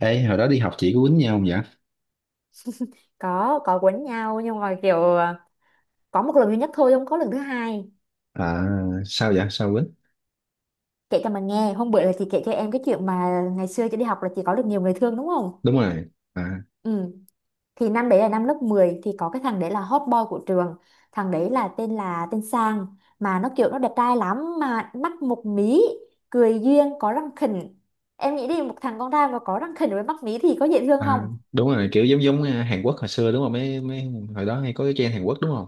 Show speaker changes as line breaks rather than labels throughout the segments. Ê, hồi đó đi học chị có quýnh nhau không vậy?
Có quấn nhau nhưng mà kiểu có một lần duy nhất thôi, không có lần thứ hai.
À, sao vậy? Sao quýnh?
Kể cho mà nghe, hôm bữa là chị kể cho em cái chuyện mà ngày xưa chị đi học là chị có được nhiều người thương, đúng không?
Đúng rồi. À,
Ừ. Thì năm đấy là năm lớp 10, thì có cái thằng đấy là hot boy của trường. Thằng đấy là tên Sang. Mà nó kiểu nó đẹp trai lắm, mà mắt một mí. Cười duyên, có răng khỉnh. Em nghĩ đi, một thằng con trai mà có răng khỉnh với mắt mí thì có dễ thương
à,
không?
đúng rồi, kiểu giống giống Hàn Quốc hồi xưa đúng không? Mấy mấy hồi đó hay có cái trend Hàn Quốc đúng không?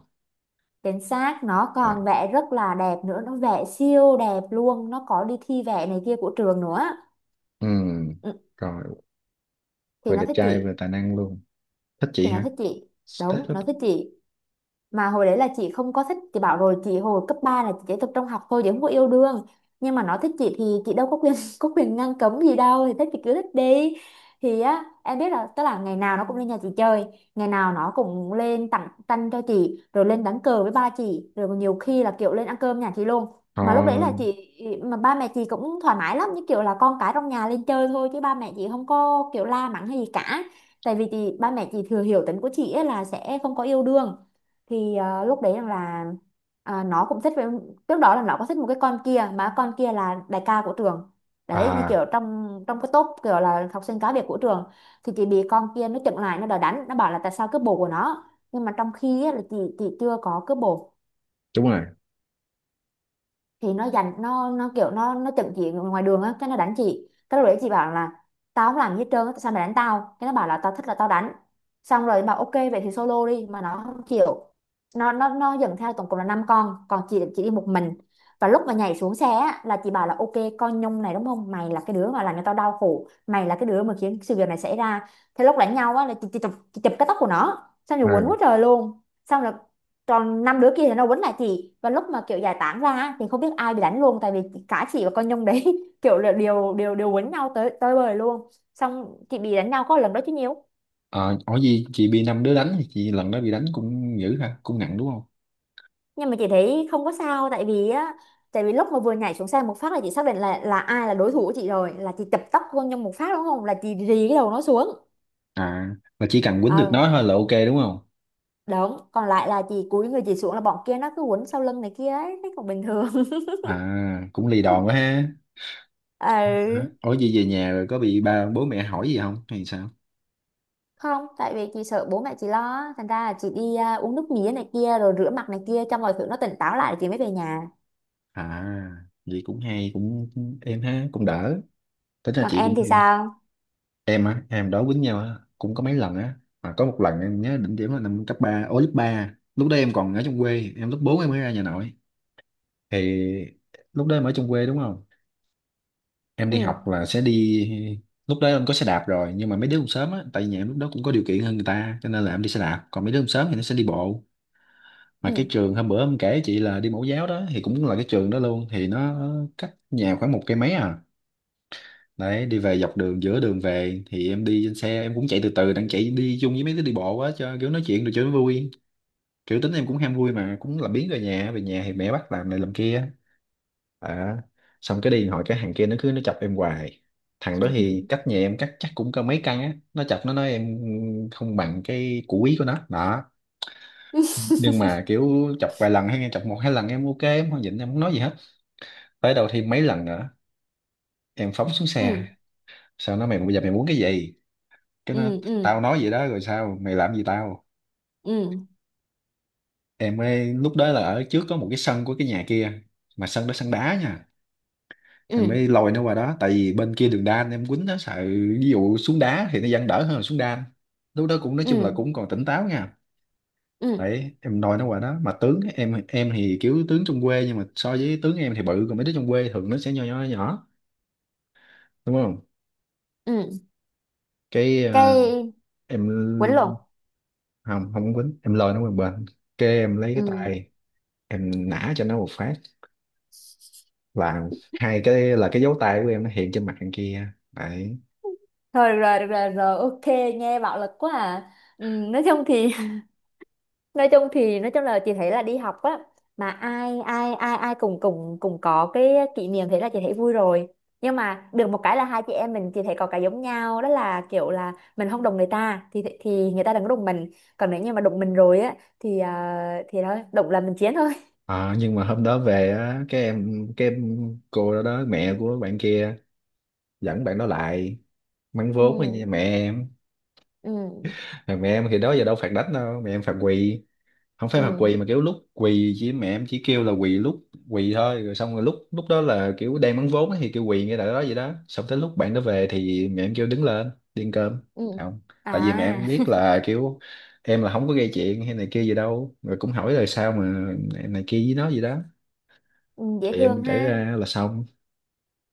Chính xác, nó
Rồi.
còn vẽ rất là đẹp nữa, nó vẽ siêu đẹp luôn, nó có đi thi vẽ này kia của trường nữa.
Ừ,
Ừ,
rồi,
thì
vừa
nó
đẹp
thích
trai vừa
chị
tài năng luôn. Thích
thì
chị
nó
hả?
thích chị
Thích
đúng,
quá.
nó thích chị. Mà hồi đấy là chị không có thích, chị bảo rồi, chị hồi cấp 3 là chị chỉ tập trung học thôi chứ không có yêu đương. Nhưng mà nó thích chị thì chị đâu có quyền có quyền ngăn cấm gì đâu, thì thích thì cứ thích đi. Thì á, em biết, là tức là ngày nào nó cũng lên nhà chị chơi. Ngày nào nó cũng lên tặng tanh cho chị, rồi lên đánh cờ với ba chị, rồi nhiều khi là kiểu lên ăn cơm nhà chị luôn.
Ờ,
Mà lúc đấy là chị. Mà ba mẹ chị cũng thoải mái lắm, như kiểu là con cái trong nhà lên chơi thôi chứ ba mẹ chị không có kiểu la mắng hay gì cả. Tại vì chị, ba mẹ chị thừa hiểu tính của chị ấy là sẽ không có yêu đương. Thì lúc đấy rằng là, nó cũng thích với. Trước đó là nó có thích một cái con kia, mà con kia là đại ca của trường. Đấy, như
à,
kiểu trong trong cái top kiểu là học sinh cá biệt của trường. Thì chị bị con kia nó chặn lại, nó đòi đánh, nó bảo là tại sao cướp bồ của nó. Nhưng mà trong khi á, là chị chưa có cướp bồ.
đúng rồi.
Thì nó dành, nó kiểu nó chận chị ngoài đường á, cái nó đánh chị, cái lúc đấy chị bảo là. Tao không làm gì hết trơn á, sao mày đánh tao? Cái nó bảo là tao thích là tao đánh. Xong rồi bảo ok vậy thì solo đi mà nó không chịu. Nó dẫn theo tổng cộng là năm con, còn chị đi một mình. Và lúc mà nhảy xuống xe á, là chị bảo là ok. Con nhông này đúng không, mày là cái đứa mà làm cho tao đau khổ, mày là cái đứa mà khiến sự việc này xảy ra. Thế lúc đánh nhau á, là chị chụp cái tóc của nó xong rồi quấn
À,
quá trời luôn. Xong rồi. Còn năm đứa kia thì nó quấn lại chị, và lúc mà kiểu giải tán ra á, thì không biết ai bị đánh luôn, tại vì. Cả chị và con Nhung đấy. Kiểu là đều đều đều quấn nhau tới tới bời luôn. Xong chị bị đánh nhau có lần đó chứ nhiều.
ờ, ở gì chị bị năm đứa đánh thì chị lần đó bị đánh cũng dữ ha, cũng nặng đúng không?
Nhưng mà chị thấy không có sao, tại vì á. Tại vì lúc mà vừa nhảy xuống xe một phát là chị xác định là ai là đối thủ của chị rồi, là chị chập tóc con Nhung một phát đúng không, là chị rì cái đầu nó xuống.
À, là chỉ cần quýnh
Ờ.
được nó thôi là ok đúng không?
Đúng, còn lại là chị cúi người chị xuống, là bọn kia nó cứ quấn sau lưng này kia ấy, thấy còn bình thường.
À, cũng lì đòn quá ha. Hả?
Ừ.
Ủa gì về nhà rồi có bị ba bố mẹ hỏi gì không hay sao?
Không, tại vì chị sợ bố mẹ chị lo á, thành ra là chị đi uống nước mía này kia rồi rửa mặt này kia cho mọi thứ nó tỉnh táo lại rồi chị mới về nhà.
À, vậy cũng hay, cũng em ha, cũng đỡ. Tính ra
Còn
chị
em
cũng
thì
em.
sao?
Em á, em đó quýnh nhau á, cũng có mấy lần á. Mà có một lần em nhớ đỉnh điểm là năm cấp 3 lớp ba. Lúc đó em còn ở trong quê, em lớp 4 em mới ra nhà nội. Thì lúc đó em ở trong quê đúng không? Em đi
Ừ,
học là sẽ đi, lúc đó em có xe đạp rồi, nhưng mà mấy đứa cũng sớm á, tại vì nhà em lúc đó cũng có điều kiện hơn người ta cho nên là em đi xe đạp, còn mấy đứa cũng sớm thì nó sẽ đi bộ. Mà cái
ừ.
trường hôm bữa em kể chị là đi mẫu giáo đó thì cũng là cái trường đó luôn, thì nó cách nhà khoảng một cây mấy à. Đấy, đi về dọc đường giữa đường về thì em đi trên xe, em cũng chạy từ từ, đang chạy đi chung với mấy đứa đi bộ quá cho kiểu nói chuyện được cho nó vui. Kiểu tính em cũng ham vui mà cũng làm biếng về nhà, về nhà thì mẹ bắt làm này làm kia. à, Xong cái đi hỏi cái hàng kia nó cứ chọc em hoài. Thằng đó thì cách nhà em cách chắc cũng có mấy căn á, nó chọc nó nói em không bằng cái củ quý của nó đó. Nhưng mà kiểu chọc vài lần hay nghe chọc một hai lần em ok, em không nhịn, em không nói gì hết. Tới đầu thêm mấy lần nữa em phóng xuống
Ừ,
xe. Sao nó, mày bây giờ mày muốn cái gì? Cái nó,
ừ, ừ,
tao nói vậy đó rồi sao mày làm gì tao?
ừ,
Em mới lúc đó là ở trước có một cái sân của cái nhà kia, mà sân đó sân đá nha. Em
ừ,
mới lôi nó qua đó tại vì bên kia đường đan em quýnh nó sợ, ví dụ xuống đá thì nó vẫn đỡ hơn là xuống đan. Lúc đó cũng nói chung là
ừ,
cũng còn tỉnh táo nha.
ừ,
Đấy, em nói nó quả đó mà tướng em thì kiểu tướng trong quê, nhưng mà so với tướng em thì bự, còn mấy đứa trong quê thường nó sẽ nhỏ nhỏ nhỏ, đúng không?
ừ.
Cái
Cây
em
quấn lộn.
không không quýnh, em lôi nó qua một bên. Cái em lấy cái
Ừ.
tay em nã cho nó một phát, là hai cái, là cái dấu tay của em nó hiện trên mặt thằng kia đấy.
Thôi được rồi, rồi, ok, nghe bạo lực quá à. Ừ, nói chung thì nói chung là chị thấy là đi học á. Mà ai ai cùng cùng cùng có cái kỷ niệm thế là chị thấy vui rồi. Nhưng mà được một cái là hai chị em mình, chị thấy có cái giống nhau, đó là kiểu là mình không đụng người ta thì người ta đừng có đụng mình. Còn nếu như mà đụng mình rồi á thì thì thôi, đụng là mình chiến thôi.
Ờ, nhưng mà hôm đó về á cái em, cô đó đó mẹ của bạn kia dẫn bạn đó lại mắng
Ừ,
vốn với nhà mẹ em.
ừ,
Mà mẹ em thì đó giờ đâu phạt đánh đâu, mẹ em phạt quỳ, không phải là
ừ,
quỳ mà kiểu lúc quỳ chỉ, mẹ em chỉ kêu là quỳ lúc quỳ thôi, rồi xong rồi lúc lúc đó là kiểu đang bán vốn á thì kêu quỳ ngay tại đó vậy đó, xong tới lúc bạn đó về thì mẹ em kêu đứng lên đi ăn cơm.
ừ.
Không, tại vì mẹ em
À.
biết là kiểu em là không có gây chuyện hay này kia gì đâu, rồi cũng hỏi là sao mà em này kia với nó gì đó.
Ừ, dễ
Thì em
thương
kể
ha.
ra là xong.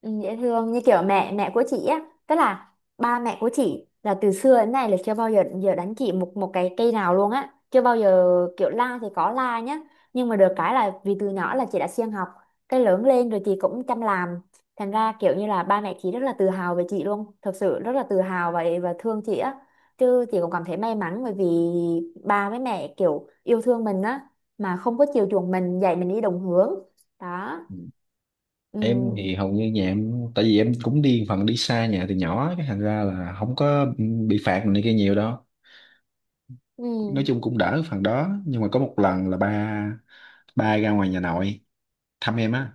Ừ, dễ thương như kiểu mẹ mẹ của chị á. Tức là, ba mẹ của chị là từ xưa đến nay là chưa bao giờ giờ đánh chị một một cái cây nào luôn á, chưa bao giờ. Kiểu la thì có la nhá, nhưng mà được cái là vì từ nhỏ là chị đã siêng học. Cái lớn lên rồi chị cũng chăm làm. Thành ra kiểu như là ba mẹ chị rất là tự hào về chị luôn, thật sự rất là tự hào và thương chị á. Chứ chị cũng cảm thấy may mắn bởi vì ba với mẹ kiểu yêu thương mình á, mà không có chiều chuộng mình, dạy mình đi đúng hướng. Đó.
Em
Ừ.
thì hầu như nhà em tại vì em cũng đi phần đi xa nhà từ nhỏ á, cái thành ra là không có bị phạt này kia nhiều đâu. Nói
Ừ,
chung cũng đỡ phần đó, nhưng mà có một lần là ba ba ra ngoài nhà nội thăm em á,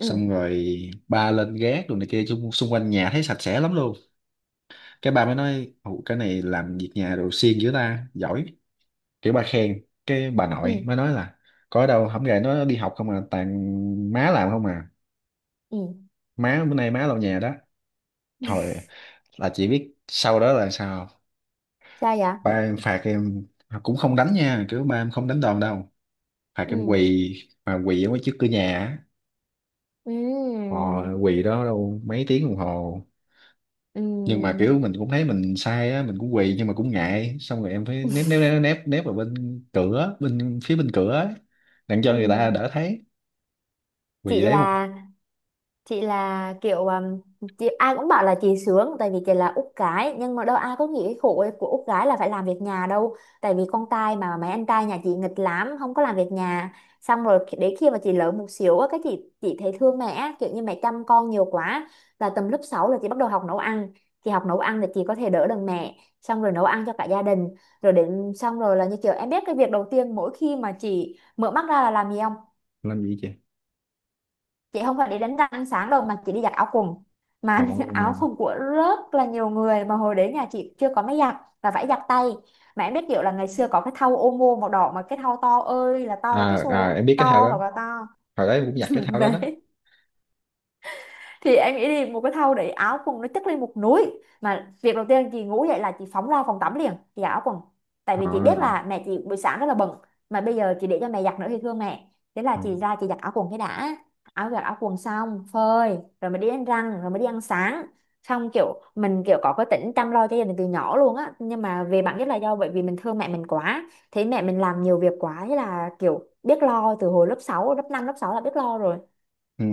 ừ,
rồi ba lên gác rồi này kia chung xung quanh nhà thấy sạch sẽ lắm luôn. Cái ba mới nói: "Ồ, cái này làm việc nhà đồ siêng dữ ta, giỏi." Kiểu ba khen, cái bà nội
ừ,
mới nói là có đâu, không gầy nó đi học không à, toàn má làm không à,
ừ.
má bữa nay má lau nhà đó. Thôi, là chỉ biết sau đó là sao không?
Sao vậy?
Ba em phạt em, cũng không đánh nha, kiểu ba em không đánh đòn đâu, phạt em
Ừ,
quỳ mà quỳ ở ngoài trước cửa nhà á.
ừ,
Họ, quỳ đó đâu mấy tiếng đồng hồ,
ừ.
nhưng mà kiểu mình cũng thấy mình sai á, mình cũng quỳ nhưng mà cũng ngại, xong rồi em phải nép nép nép nép nép vào bên cửa, bên phía bên cửa á, đặng cho người ta
Ừ.
đỡ thấy. Quỳ
Chị
đấy một.
là, chị là kiểu chị, ai cũng bảo là chị sướng tại vì chị là út gái, nhưng mà đâu ai có nghĩ cái khổ của út gái là phải làm việc nhà đâu. Tại vì con trai mà, mấy anh trai nhà chị nghịch lắm không có làm việc nhà. Xong rồi đến khi mà chị lớn một xíu á, cái chị thấy thương mẹ á, kiểu như mẹ chăm con nhiều quá. Là tầm lớp 6 là chị bắt đầu học nấu ăn. Chị học nấu ăn thì chị có thể đỡ đần mẹ, xong rồi nấu ăn cho cả gia đình. Rồi đến, xong rồi là như kiểu em biết cái việc đầu tiên mỗi khi mà chị mở mắt ra là làm gì không?
Làm gì chị.
Chị không phải đi đánh răng sáng đâu mà chị đi giặt áo quần. Mà
Họ.
áo quần của rất là nhiều người, mà hồi đấy nhà chị chưa có máy giặt, và phải giặt tay. Mà em biết kiểu là ngày xưa có cái thau ô mô màu đỏ, mà cái thau to ơi là to, cái
À, à
xô
em biết cái thao
to
đó,
hoặc là to.
hồi đó em cũng giặt cái thao đó đó.
Đấy. Thì em nghĩ đi, một cái thau để áo quần nó chất lên một núi, mà việc đầu tiên chị ngủ dậy là chị phóng ra phòng tắm liền chị giặt áo quần. Tại vì
Họ.
chị biết là mẹ chị buổi sáng rất là bận, mà bây giờ chị để cho mẹ giặt nữa thì thương mẹ, thế là
Ừ,
chị ra chị giặt áo quần cái đã. Giặt áo quần xong, phơi rồi mới đi đánh răng, rồi mới đi ăn sáng. Xong kiểu mình kiểu có cái tính chăm lo cho gia đình từ nhỏ luôn á, nhưng mà về bản chất là do bởi vì mình thương mẹ mình quá. Thấy mẹ mình làm nhiều việc quá, thế là kiểu biết lo từ hồi lớp 6 lớp 5 lớp 6 là biết lo rồi.
ừ,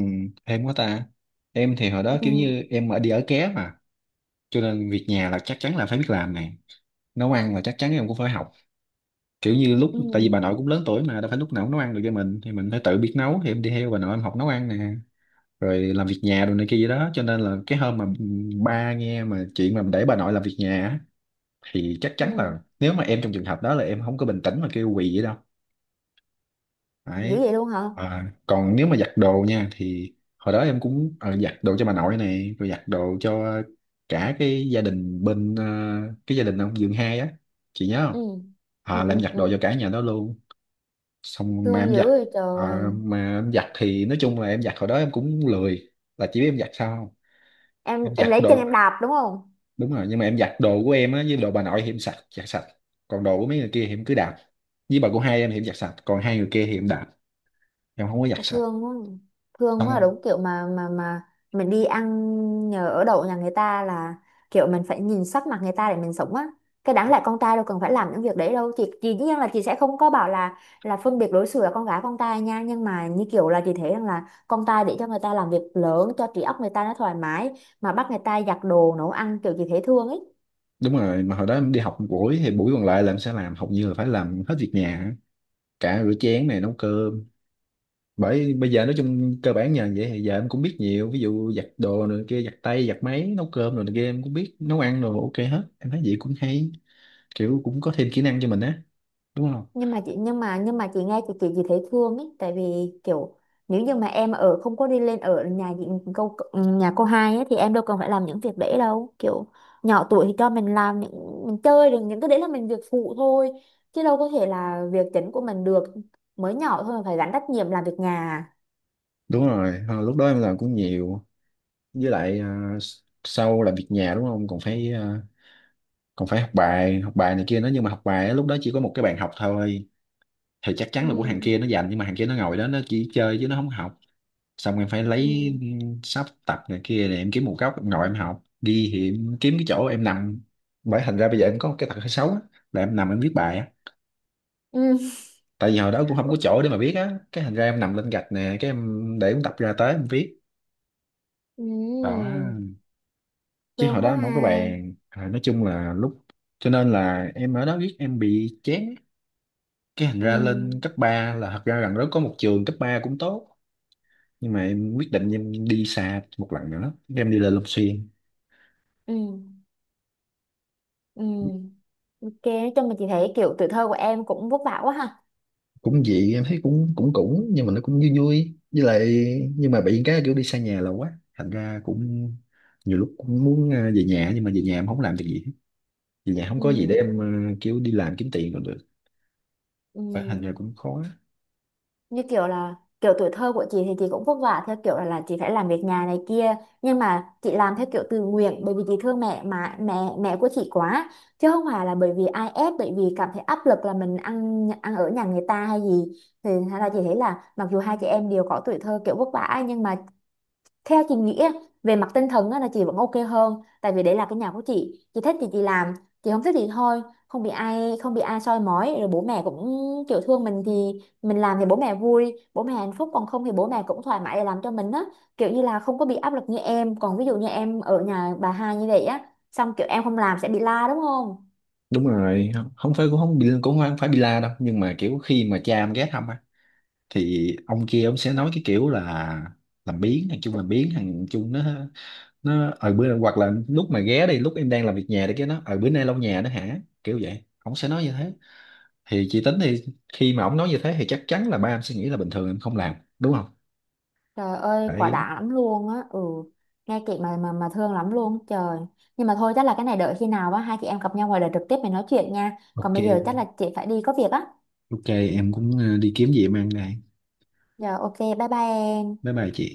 em quá ta. Em thì hồi đó
Ừ,
kiểu như em ở đi ở ké mà, cho nên việc nhà là chắc chắn là phải biết làm này, nấu ăn là chắc chắn em cũng phải học, kiểu như lúc
ừ,
tại vì bà nội cũng lớn tuổi mà đâu phải lúc nào cũng nấu ăn được cho mình thì mình phải tự biết nấu, thì em đi theo bà nội em học nấu ăn nè, rồi làm việc nhà đồ này kia vậy đó, cho nên là cái hôm mà ba nghe mà chuyện mà để bà nội làm việc nhà á, thì chắc chắn
ừ.
là nếu mà em trong trường hợp đó là em không có bình tĩnh mà kêu quỳ vậy đâu.
Dữ
Đấy.
vậy luôn hả?
À, còn nếu mà giặt đồ nha, thì hồi đó em cũng giặt đồ cho bà nội này, rồi giặt đồ cho cả cái gia đình bên cái gia đình ông Dương hai á, chị nhớ không?
Ừ, ừ,
À,
ừ,
làm giặt
ừ.
đồ cho cả nhà đó luôn. Xong mà
Thương
em giặt
dữ vậy trời.
mà em giặt thì nói chung là em giặt hồi đó em cũng lười, là chỉ biết em giặt sao không.
em
Em
em
giặt
lấy chân
đồ,
em đạp đúng không?
đúng rồi, nhưng mà em giặt đồ của em á với đồ bà nội thì em sạch, giặt sạch, còn đồ của mấy người kia thì em cứ đạp. Với bà của hai em thì em giặt sạch, còn hai người kia thì em đạp, em không có giặt
À,
sạch.
thương quá. Thương quá,
Xong.
đúng kiểu mà. Mình đi ăn nhờ ở đậu nhà người ta là kiểu mình phải nhìn sắc mặt người ta để mình sống á. Cái đáng lẽ con trai đâu cần phải làm những việc đấy đâu, chị dĩ nhiên là chị sẽ không có bảo là phân biệt đối xử là con gái con trai nha, nhưng mà như kiểu là chị thấy rằng là con trai để cho người ta làm việc lớn cho trí óc người ta nó thoải mái. Mà bắt người ta giặt đồ nấu ăn kiểu chị thấy thương ấy.
Đúng rồi, mà hồi đó em đi học một buổi thì buổi còn lại là em sẽ làm, hầu như là phải làm hết việc nhà á. Cả rửa chén này nấu cơm. Bởi bây giờ nói chung cơ bản nhờ vậy thì giờ em cũng biết nhiều, ví dụ giặt đồ này kia, giặt tay giặt máy, nấu cơm rồi này kia, em cũng biết nấu ăn rồi, ok hết. Em thấy vậy cũng hay, kiểu cũng có thêm kỹ năng cho mình á, đúng không?
Nhưng mà chị, nhưng mà chị nghe, chị thấy thương ấy tại vì kiểu, nếu như mà em ở không có đi lên ở nhà chị, câu nhà cô hai ấy, thì em đâu cần phải làm những việc đấy đâu, kiểu. Nhỏ tuổi thì cho mình làm những mình chơi được, những cái đấy là mình việc phụ thôi, chứ đâu có thể là việc chính của mình được. Mới nhỏ thôi mà phải gánh trách nhiệm làm việc nhà à.
Đúng rồi. À, lúc đó em làm cũng nhiều, với lại à, sau làm việc nhà đúng không, còn phải à, còn phải học bài, học bài này kia nữa, nhưng mà học bài á, lúc đó chỉ có một cái bàn học thôi, thì chắc chắn là của hàng
Ừ,
kia nó dành, nhưng mà hàng kia nó ngồi đó nó chỉ chơi chứ nó không học. Xong em phải
ừ,
lấy sắp tập này kia để em kiếm một góc em ngồi em học đi, thì em kiếm cái chỗ em nằm. Bởi thành ra bây giờ em có một cái tật hơi xấu á, là em nằm em viết bài á,
ừ.
tại vì hồi đó cũng không có chỗ để mà viết á, cái thành ra em nằm lên gạch nè, cái em để em tập ra tới em viết.
Ừ.
Đó. Chứ hồi
Thương
đó
quá
em không có
ha.
bàn. Rồi, nói chung là lúc, cho nên là em ở đó viết em bị chán. Cái thành
Ừ,
ra lên cấp 3 là thật ra gần đó có một trường cấp 3 cũng tốt, nhưng mà em quyết định em đi xa một lần nữa, em đi lên Long Xuyên.
ừ, ừ. Ok, nói chung mà chị thấy kiểu tuổi thơ của em cũng vất vả quá ha.
Cũng dị em thấy cũng cũng cũng nhưng mà nó cũng vui vui, với lại, nhưng mà bị cái kiểu đi xa nhà là quá thành ra cũng nhiều lúc cũng muốn về nhà, nhưng mà về nhà em không làm được gì hết. Về nhà không có gì để em
Ừ.
kiểu đi làm kiếm tiền còn được. Phải, thành ra
Ừm,
cũng khó.
như kiểu là, kiểu tuổi thơ của chị thì chị cũng vất vả theo kiểu là chị phải làm việc nhà này kia. Nhưng mà chị làm theo kiểu tự nguyện bởi vì chị thương mẹ mà mẹ mẹ của chị quá, chứ không phải là bởi vì ai ép, bởi vì cảm thấy áp lực là mình ăn ăn ở nhà người ta hay gì. Thì hay là chị thấy là mặc dù hai chị em đều có tuổi thơ kiểu vất vả, nhưng mà theo chị nghĩ á, về mặt tinh thần á, là chị vẫn ok hơn tại vì đấy là cái nhà của chị thích thì chị làm, chị không thích thì thôi. Không bị ai soi mói, rồi bố mẹ cũng kiểu thương mình thì, mình làm thì bố mẹ vui, bố mẹ hạnh phúc, còn không thì bố mẹ cũng thoải mái để làm cho mình á. Kiểu như là không có bị áp lực như em, còn ví dụ như em ở nhà bà hai như vậy á, xong kiểu em không làm sẽ bị la đúng không?
Đúng rồi, không, không phải, cũng không bị, cũng không phải bị la đâu, nhưng mà kiểu khi mà cha em ghé thăm á, thì ông kia ông sẽ nói cái kiểu là làm biếng thằng chung, làm biếng thằng chung nó ở bữa, hoặc là lúc mà ghé đi lúc em đang làm việc nhà đi cái nó ở bữa nay lau nhà đó hả, kiểu vậy, ổng sẽ nói như thế. Thì chị tính thì khi mà ổng nói như thế thì chắc chắn là ba em sẽ nghĩ là bình thường em không làm, đúng không?
Trời ơi, quả
Đấy.
đã lắm luôn á. Ừ. Nghe chị mà thương lắm luôn trời. Nhưng mà thôi, chắc là cái này đợi khi nào á hai chị em gặp nhau ngoài đời trực tiếp mình nói chuyện nha, còn
Ok,
bây giờ chắc là chị phải đi có việc á.
ok, em cũng đi kiếm gì em ăn đây.
Rồi ok, bye bye em.
Bye bye chị.